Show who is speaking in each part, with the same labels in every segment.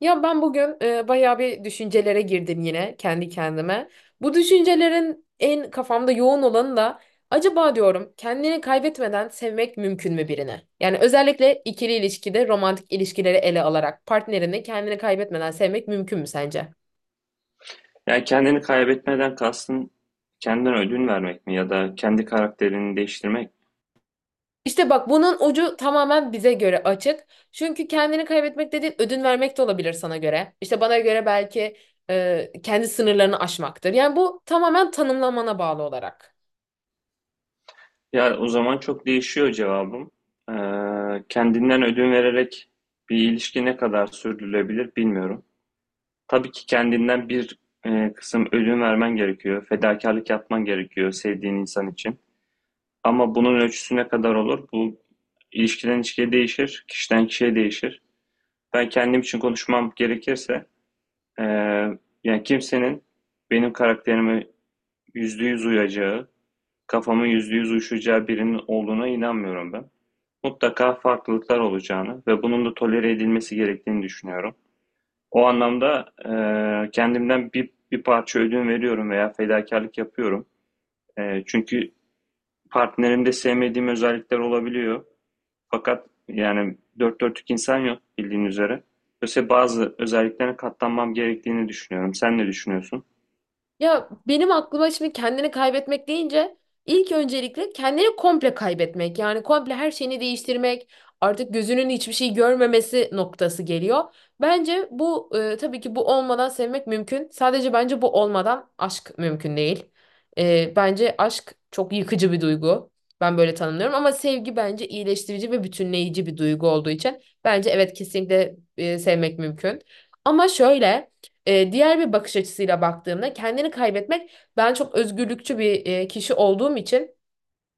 Speaker 1: Ya ben bugün bayağı bir düşüncelere girdim yine kendi kendime. Bu düşüncelerin en kafamda yoğun olanı da acaba diyorum kendini kaybetmeden sevmek mümkün mü birini? Yani özellikle ikili ilişkide romantik ilişkileri ele alarak partnerini kendini kaybetmeden sevmek mümkün mü sence?
Speaker 2: Yani kendini kaybetmeden kastın kendine ödün vermek mi ya da kendi karakterini değiştirmek?
Speaker 1: İşte bak bunun ucu tamamen bize göre açık. Çünkü kendini kaybetmek dediğin ödün vermek de olabilir sana göre. İşte bana göre belki kendi sınırlarını aşmaktır. Yani bu tamamen tanımlamana bağlı olarak.
Speaker 2: Ya o zaman çok değişiyor cevabım. Ee, Kendinden ödün vererek bir ilişki ne kadar sürdürülebilir bilmiyorum. Tabii ki kendinden bir kısım ödün vermen gerekiyor. Fedakarlık yapman gerekiyor sevdiğin insan için. Ama bunun ölçüsü ne kadar olur? Bu ilişkiden ilişkiye değişir, kişiden kişiye değişir. Ben kendim için konuşmam gerekirse Ee, yani kimsenin benim karakterime %100 uyacağı, kafama %100 uyuşacağı birinin olduğuna inanmıyorum ben. Mutlaka farklılıklar olacağını ve bunun da tolere edilmesi gerektiğini düşünüyorum. O anlamda kendimden bir parça ödün veriyorum veya fedakarlık yapıyorum. Çünkü partnerimde sevmediğim özellikler olabiliyor. Fakat yani dört dörtlük insan yok bildiğin üzere. Dolayısıyla bazı özelliklerine katlanmam gerektiğini düşünüyorum. Sen ne düşünüyorsun?
Speaker 1: Ya benim aklıma şimdi kendini kaybetmek deyince ilk öncelikle kendini komple kaybetmek, yani komple her şeyini değiştirmek, artık gözünün hiçbir şey görmemesi noktası geliyor. Bence bu, tabii ki bu olmadan sevmek mümkün. Sadece bence bu olmadan aşk mümkün değil. Bence aşk çok yıkıcı bir duygu. Ben böyle tanımlıyorum ama sevgi bence iyileştirici ve bütünleyici bir duygu olduğu için bence evet, kesinlikle sevmek mümkün. Ama şöyle. Diğer bir bakış açısıyla baktığımda kendini kaybetmek, ben çok özgürlükçü bir kişi olduğum için,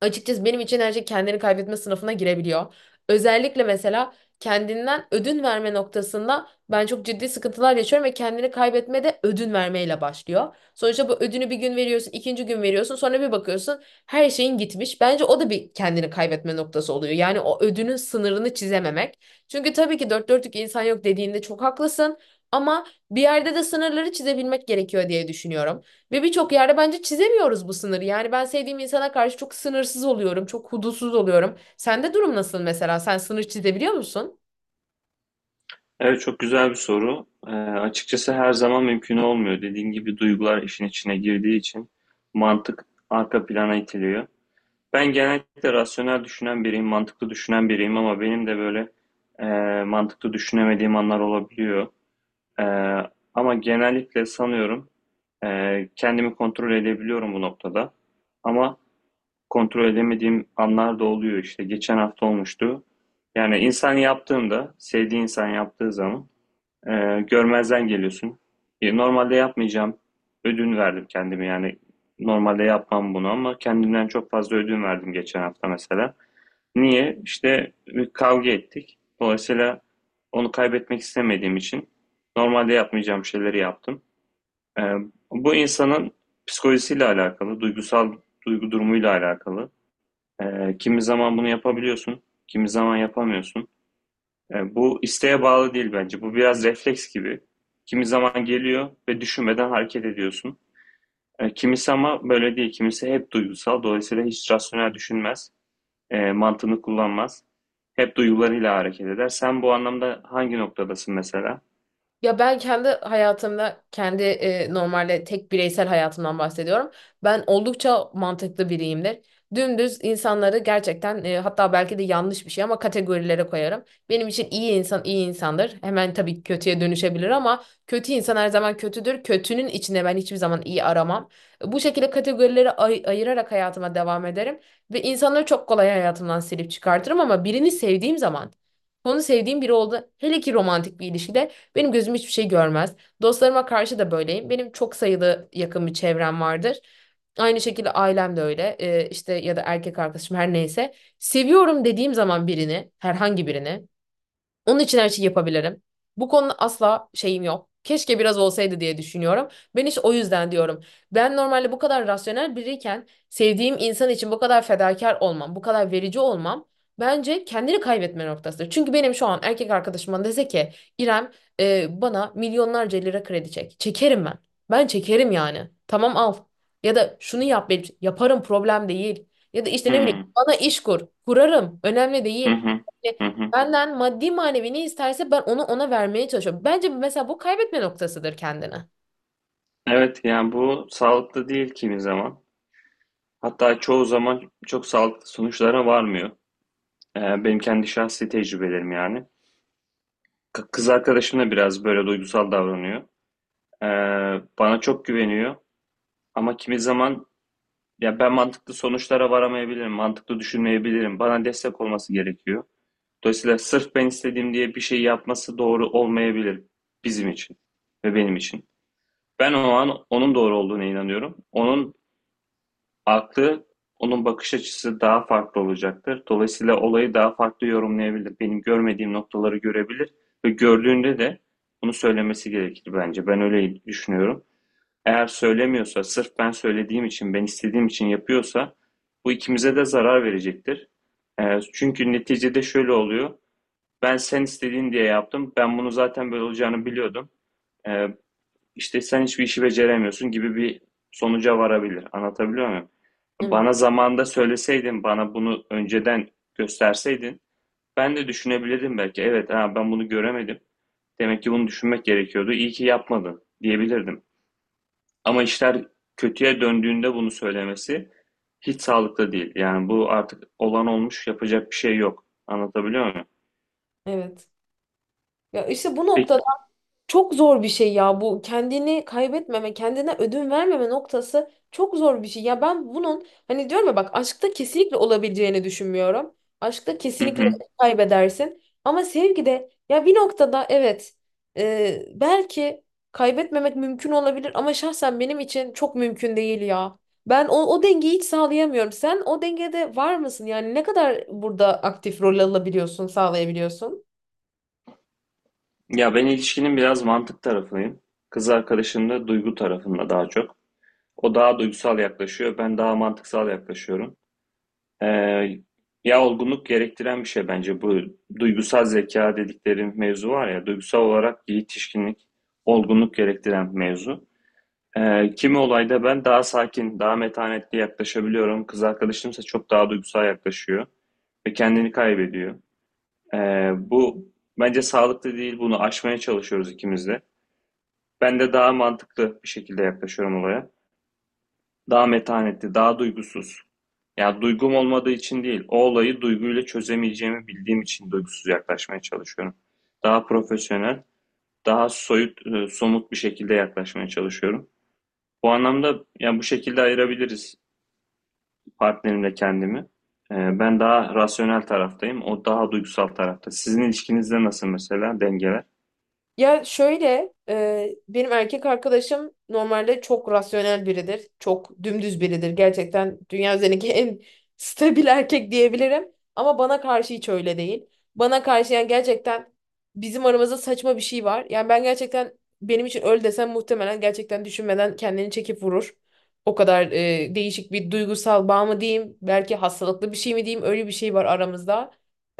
Speaker 1: açıkçası benim için her şey kendini kaybetme sınıfına girebiliyor. Özellikle mesela kendinden ödün verme noktasında ben çok ciddi sıkıntılar yaşıyorum ve kendini kaybetme de ödün vermeyle başlıyor. Sonuçta bu ödünü bir gün veriyorsun, ikinci gün veriyorsun, sonra bir bakıyorsun her şeyin gitmiş. Bence o da bir kendini kaybetme noktası oluyor. Yani o ödünün sınırını çizememek. Çünkü tabii ki dört dörtlük insan yok dediğinde çok haklısın, ama bir yerde de sınırları çizebilmek gerekiyor diye düşünüyorum. Ve birçok yerde bence çizemiyoruz bu sınırı. Yani ben sevdiğim insana karşı çok sınırsız oluyorum, çok hudutsuz oluyorum. Sende durum nasıl mesela? Sen sınır çizebiliyor musun?
Speaker 2: Evet, çok güzel bir soru. Açıkçası her zaman mümkün olmuyor. Dediğim gibi duygular işin içine girdiği için mantık arka plana itiliyor. Ben genellikle rasyonel düşünen biriyim, mantıklı düşünen biriyim ama benim de böyle e, mantıklı düşünemediğim anlar olabiliyor. E, Ama genellikle sanıyorum kendimi kontrol edebiliyorum bu noktada. Ama kontrol edemediğim anlar da oluyor işte. Geçen hafta olmuştu. Yani insan yaptığında, sevdiği insan yaptığı zaman görmezden geliyorsun. Normalde yapmayacağım. Ödün verdim kendime yani. Normalde yapmam bunu ama kendimden çok fazla ödün verdim geçen hafta mesela. Niye? İşte bir kavga ettik. Dolayısıyla onu kaybetmek istemediğim için normalde yapmayacağım şeyleri yaptım. Ee, Bu insanın psikolojisiyle alakalı, duygusal duygu durumuyla alakalı. Kimi zaman bunu yapabiliyorsun, kimi zaman yapamıyorsun. Yani bu isteğe bağlı değil bence. Bu biraz refleks gibi. Kimi zaman geliyor ve düşünmeden hareket ediyorsun. Kimisi ama böyle değil. Kimisi hep duygusal. Dolayısıyla hiç rasyonel düşünmez. Mantığını kullanmaz. Hep duygularıyla hareket eder. Sen bu anlamda hangi noktadasın mesela?
Speaker 1: Ya ben kendi hayatımda, kendi normalde tek bireysel hayatımdan bahsediyorum. Ben oldukça mantıklı biriyimdir. Dümdüz insanları gerçekten, hatta belki de yanlış bir şey ama, kategorilere koyarım. Benim için iyi insan iyi insandır. Hemen tabii kötüye dönüşebilir ama kötü insan her zaman kötüdür. Kötünün içinde ben hiçbir zaman iyi aramam. Bu şekilde kategorilere ayırarak hayatıma devam ederim ve insanları çok kolay hayatımdan silip çıkartırım, ama birini sevdiğim zaman, onu sevdiğim biri oldu. Hele ki romantik bir ilişkide benim gözüm hiçbir şey görmez. Dostlarıma karşı da böyleyim. Benim çok sayılı yakın bir çevrem vardır. Aynı şekilde ailem de öyle. İşte ya da erkek arkadaşım, her neyse. Seviyorum dediğim zaman birini, herhangi birini, onun için her şeyi yapabilirim. Bu konuda asla şeyim yok. Keşke biraz olsaydı diye düşünüyorum. Ben hiç o yüzden diyorum. Ben normalde bu kadar rasyonel biriyken sevdiğim insan için bu kadar fedakar olmam, bu kadar verici olmam bence kendini kaybetme noktasıdır. Çünkü benim şu an erkek arkadaşıma dese ki, İrem, bana milyonlarca lira kredi çek. Çekerim ben. Ben çekerim yani. Tamam, al. Ya da şunu yap benim için. Yaparım, problem değil. Ya da işte ne bileyim,
Speaker 2: Hmm.
Speaker 1: bana iş kur. Kurarım. Önemli
Speaker 2: Hı
Speaker 1: değil.
Speaker 2: hı. Hı hı.
Speaker 1: Benden maddi manevi ne isterse ben onu ona vermeye çalışıyorum. Bence mesela bu kaybetme noktasıdır kendine.
Speaker 2: Evet, yani bu sağlıklı değil kimi zaman. Hatta çoğu zaman çok sağlıklı sonuçlara varmıyor. Benim kendi şahsi tecrübelerim yani. Kız arkadaşım da biraz böyle duygusal davranıyor. Ee, Bana çok güveniyor ama kimi zaman ya ben mantıklı sonuçlara varamayabilirim, mantıklı düşünmeyebilirim. Bana destek olması gerekiyor. Dolayısıyla sırf ben istediğim diye bir şey yapması doğru olmayabilir bizim için ve benim için. Ben o an onun doğru olduğuna inanıyorum. Onun aklı, onun bakış açısı daha farklı olacaktır. Dolayısıyla olayı daha farklı yorumlayabilir. Benim görmediğim noktaları görebilir ve gördüğünde de bunu söylemesi gerekir bence. Ben öyle düşünüyorum. Eğer söylemiyorsa, sırf ben söylediğim için, ben istediğim için yapıyorsa bu ikimize de zarar verecektir. Çünkü neticede şöyle oluyor. Ben sen istediğin diye yaptım. Ben bunu zaten böyle olacağını biliyordum. Ee, işte sen hiçbir işi beceremiyorsun gibi bir sonuca varabilir. Anlatabiliyor muyum?
Speaker 1: Evet,
Speaker 2: Bana zamanında söyleseydin, bana bunu önceden gösterseydin ben de düşünebilirdim belki. Evet, ha, ben bunu göremedim. Demek ki bunu düşünmek gerekiyordu. İyi ki yapmadın diyebilirdim. Ama işler kötüye döndüğünde bunu söylemesi hiç sağlıklı değil. Yani bu artık olan olmuş, yapacak bir şey yok. Anlatabiliyor muyum?
Speaker 1: evet. Ya işte bu nokta,
Speaker 2: Peki,
Speaker 1: çok zor bir şey ya, bu kendini kaybetmeme, kendine ödün vermeme noktası çok zor bir şey. Ya ben bunun hani diyorum ya bak, aşkta kesinlikle olabileceğini düşünmüyorum. Aşkta
Speaker 2: hı
Speaker 1: kesinlikle
Speaker 2: hı.
Speaker 1: kaybedersin. Ama sevgide ya bir noktada evet, belki kaybetmemek mümkün olabilir, ama şahsen benim için çok mümkün değil ya. Ben o dengeyi hiç sağlayamıyorum. Sen o dengede var mısın? Yani ne kadar burada aktif rol alabiliyorsun, sağlayabiliyorsun?
Speaker 2: Ya ben ilişkinin biraz mantık tarafındayım. Kız arkadaşım da duygu tarafında daha çok. O daha duygusal yaklaşıyor, ben daha mantıksal yaklaşıyorum. Ee, Ya olgunluk gerektiren bir şey bence bu duygusal zeka dedikleri mevzu var ya, duygusal olarak yetişkinlik, olgunluk gerektiren mevzu. Kimi olayda ben daha sakin, daha metanetli yaklaşabiliyorum. Kız arkadaşımsa çok daha duygusal yaklaşıyor ve kendini kaybediyor. Bu bence sağlıklı değil. Bunu aşmaya çalışıyoruz ikimiz de. Ben de daha mantıklı bir şekilde yaklaşıyorum olaya. Daha metanetli, daha duygusuz. Ya duygum olmadığı için değil, o olayı duyguyla çözemeyeceğimi bildiğim için duygusuz yaklaşmaya çalışıyorum. Daha profesyonel, daha soyut, somut bir şekilde yaklaşmaya çalışıyorum. Bu anlamda yani bu şekilde ayırabiliriz partnerimle kendimi. Ben daha rasyonel taraftayım. O daha duygusal tarafta. Sizin ilişkinizde nasıl mesela dengeler?
Speaker 1: Ya şöyle, benim erkek arkadaşım normalde çok rasyonel biridir. Çok dümdüz biridir. Gerçekten dünya üzerindeki en stabil erkek diyebilirim. Ama bana karşı hiç öyle değil. Bana karşı, yani gerçekten bizim aramızda saçma bir şey var. Yani ben gerçekten, benim için öl desem muhtemelen gerçekten düşünmeden kendini çekip vurur. O kadar değişik bir duygusal bağ mı diyeyim, belki hastalıklı bir şey mi diyeyim, öyle bir şey var aramızda.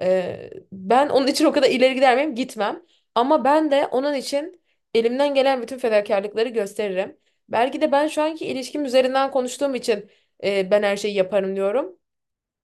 Speaker 1: Ben onun için o kadar ileri gider miyim? Gitmem. Ama ben de onun için elimden gelen bütün fedakarlıkları gösteririm. Belki de ben şu anki ilişkim üzerinden konuştuğum için ben her şeyi yaparım diyorum.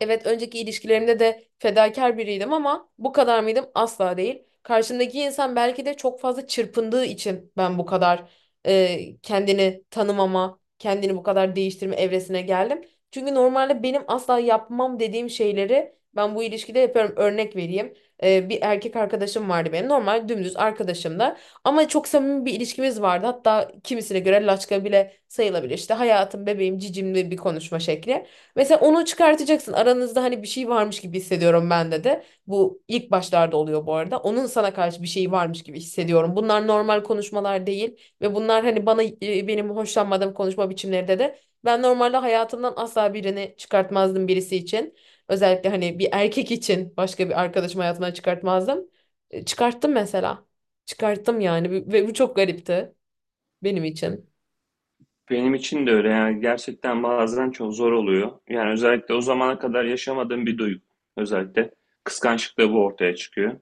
Speaker 1: Evet, önceki ilişkilerimde de fedakar biriydim ama bu kadar mıydım? Asla değil. Karşımdaki insan belki de çok fazla çırpındığı için ben bu kadar kendini tanımama, kendini bu kadar değiştirme evresine geldim. Çünkü normalde benim asla yapmam dediğim şeyleri ben bu ilişkide yapıyorum. Örnek vereyim. Bir erkek arkadaşım vardı benim. Normal dümdüz arkadaşım da. Ama çok samimi bir ilişkimiz vardı. Hatta kimisine göre laçka bile sayılabilir. İşte hayatım, bebeğim, cicimli bir konuşma şekli. Mesela onu çıkartacaksın. Aranızda hani bir şey varmış gibi hissediyorum bende de. Bu ilk başlarda oluyor bu arada. Onun sana karşı bir şey varmış gibi hissediyorum. Bunlar normal konuşmalar değil ve bunlar hani bana, benim hoşlanmadığım konuşma biçimlerinde de ben normalde hayatımdan asla birini çıkartmazdım birisi için. Özellikle hani bir erkek için başka bir arkadaşım hayatımdan çıkartmazdım. Çıkarttım mesela. Çıkarttım yani, ve bu çok garipti. Benim için.
Speaker 2: Benim için de öyle yani gerçekten bazen çok zor oluyor. Yani özellikle o zamana kadar yaşamadığım bir duygu. Özellikle kıskançlıkta bu ortaya çıkıyor.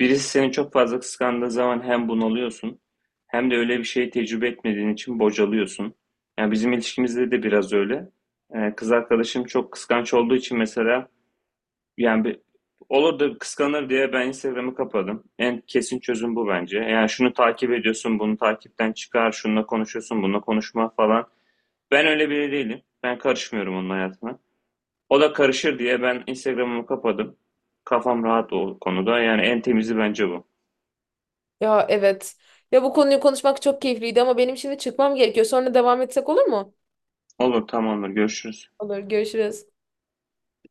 Speaker 2: Birisi seni çok fazla kıskandığı zaman hem bunalıyorsun hem de öyle bir şey tecrübe etmediğin için bocalıyorsun. Yani bizim ilişkimizde de biraz öyle. Kız arkadaşım çok kıskanç olduğu için mesela Yani bir, olur da kıskanır diye ben Instagram'ı kapadım. En kesin çözüm bu bence. Yani şunu takip ediyorsun, bunu takipten çıkar, şununla konuşuyorsun, bununla konuşma falan. Ben öyle biri değilim. Ben karışmıyorum onun hayatına. O da karışır diye ben Instagram'ımı kapadım. Kafam rahat o konuda. Yani en temizi bence bu.
Speaker 1: Ya evet. Ya bu konuyu konuşmak çok keyifliydi ama benim şimdi çıkmam gerekiyor. Sonra devam etsek olur mu?
Speaker 2: Olur, tamamdır. Görüşürüz.
Speaker 1: Olur, görüşürüz.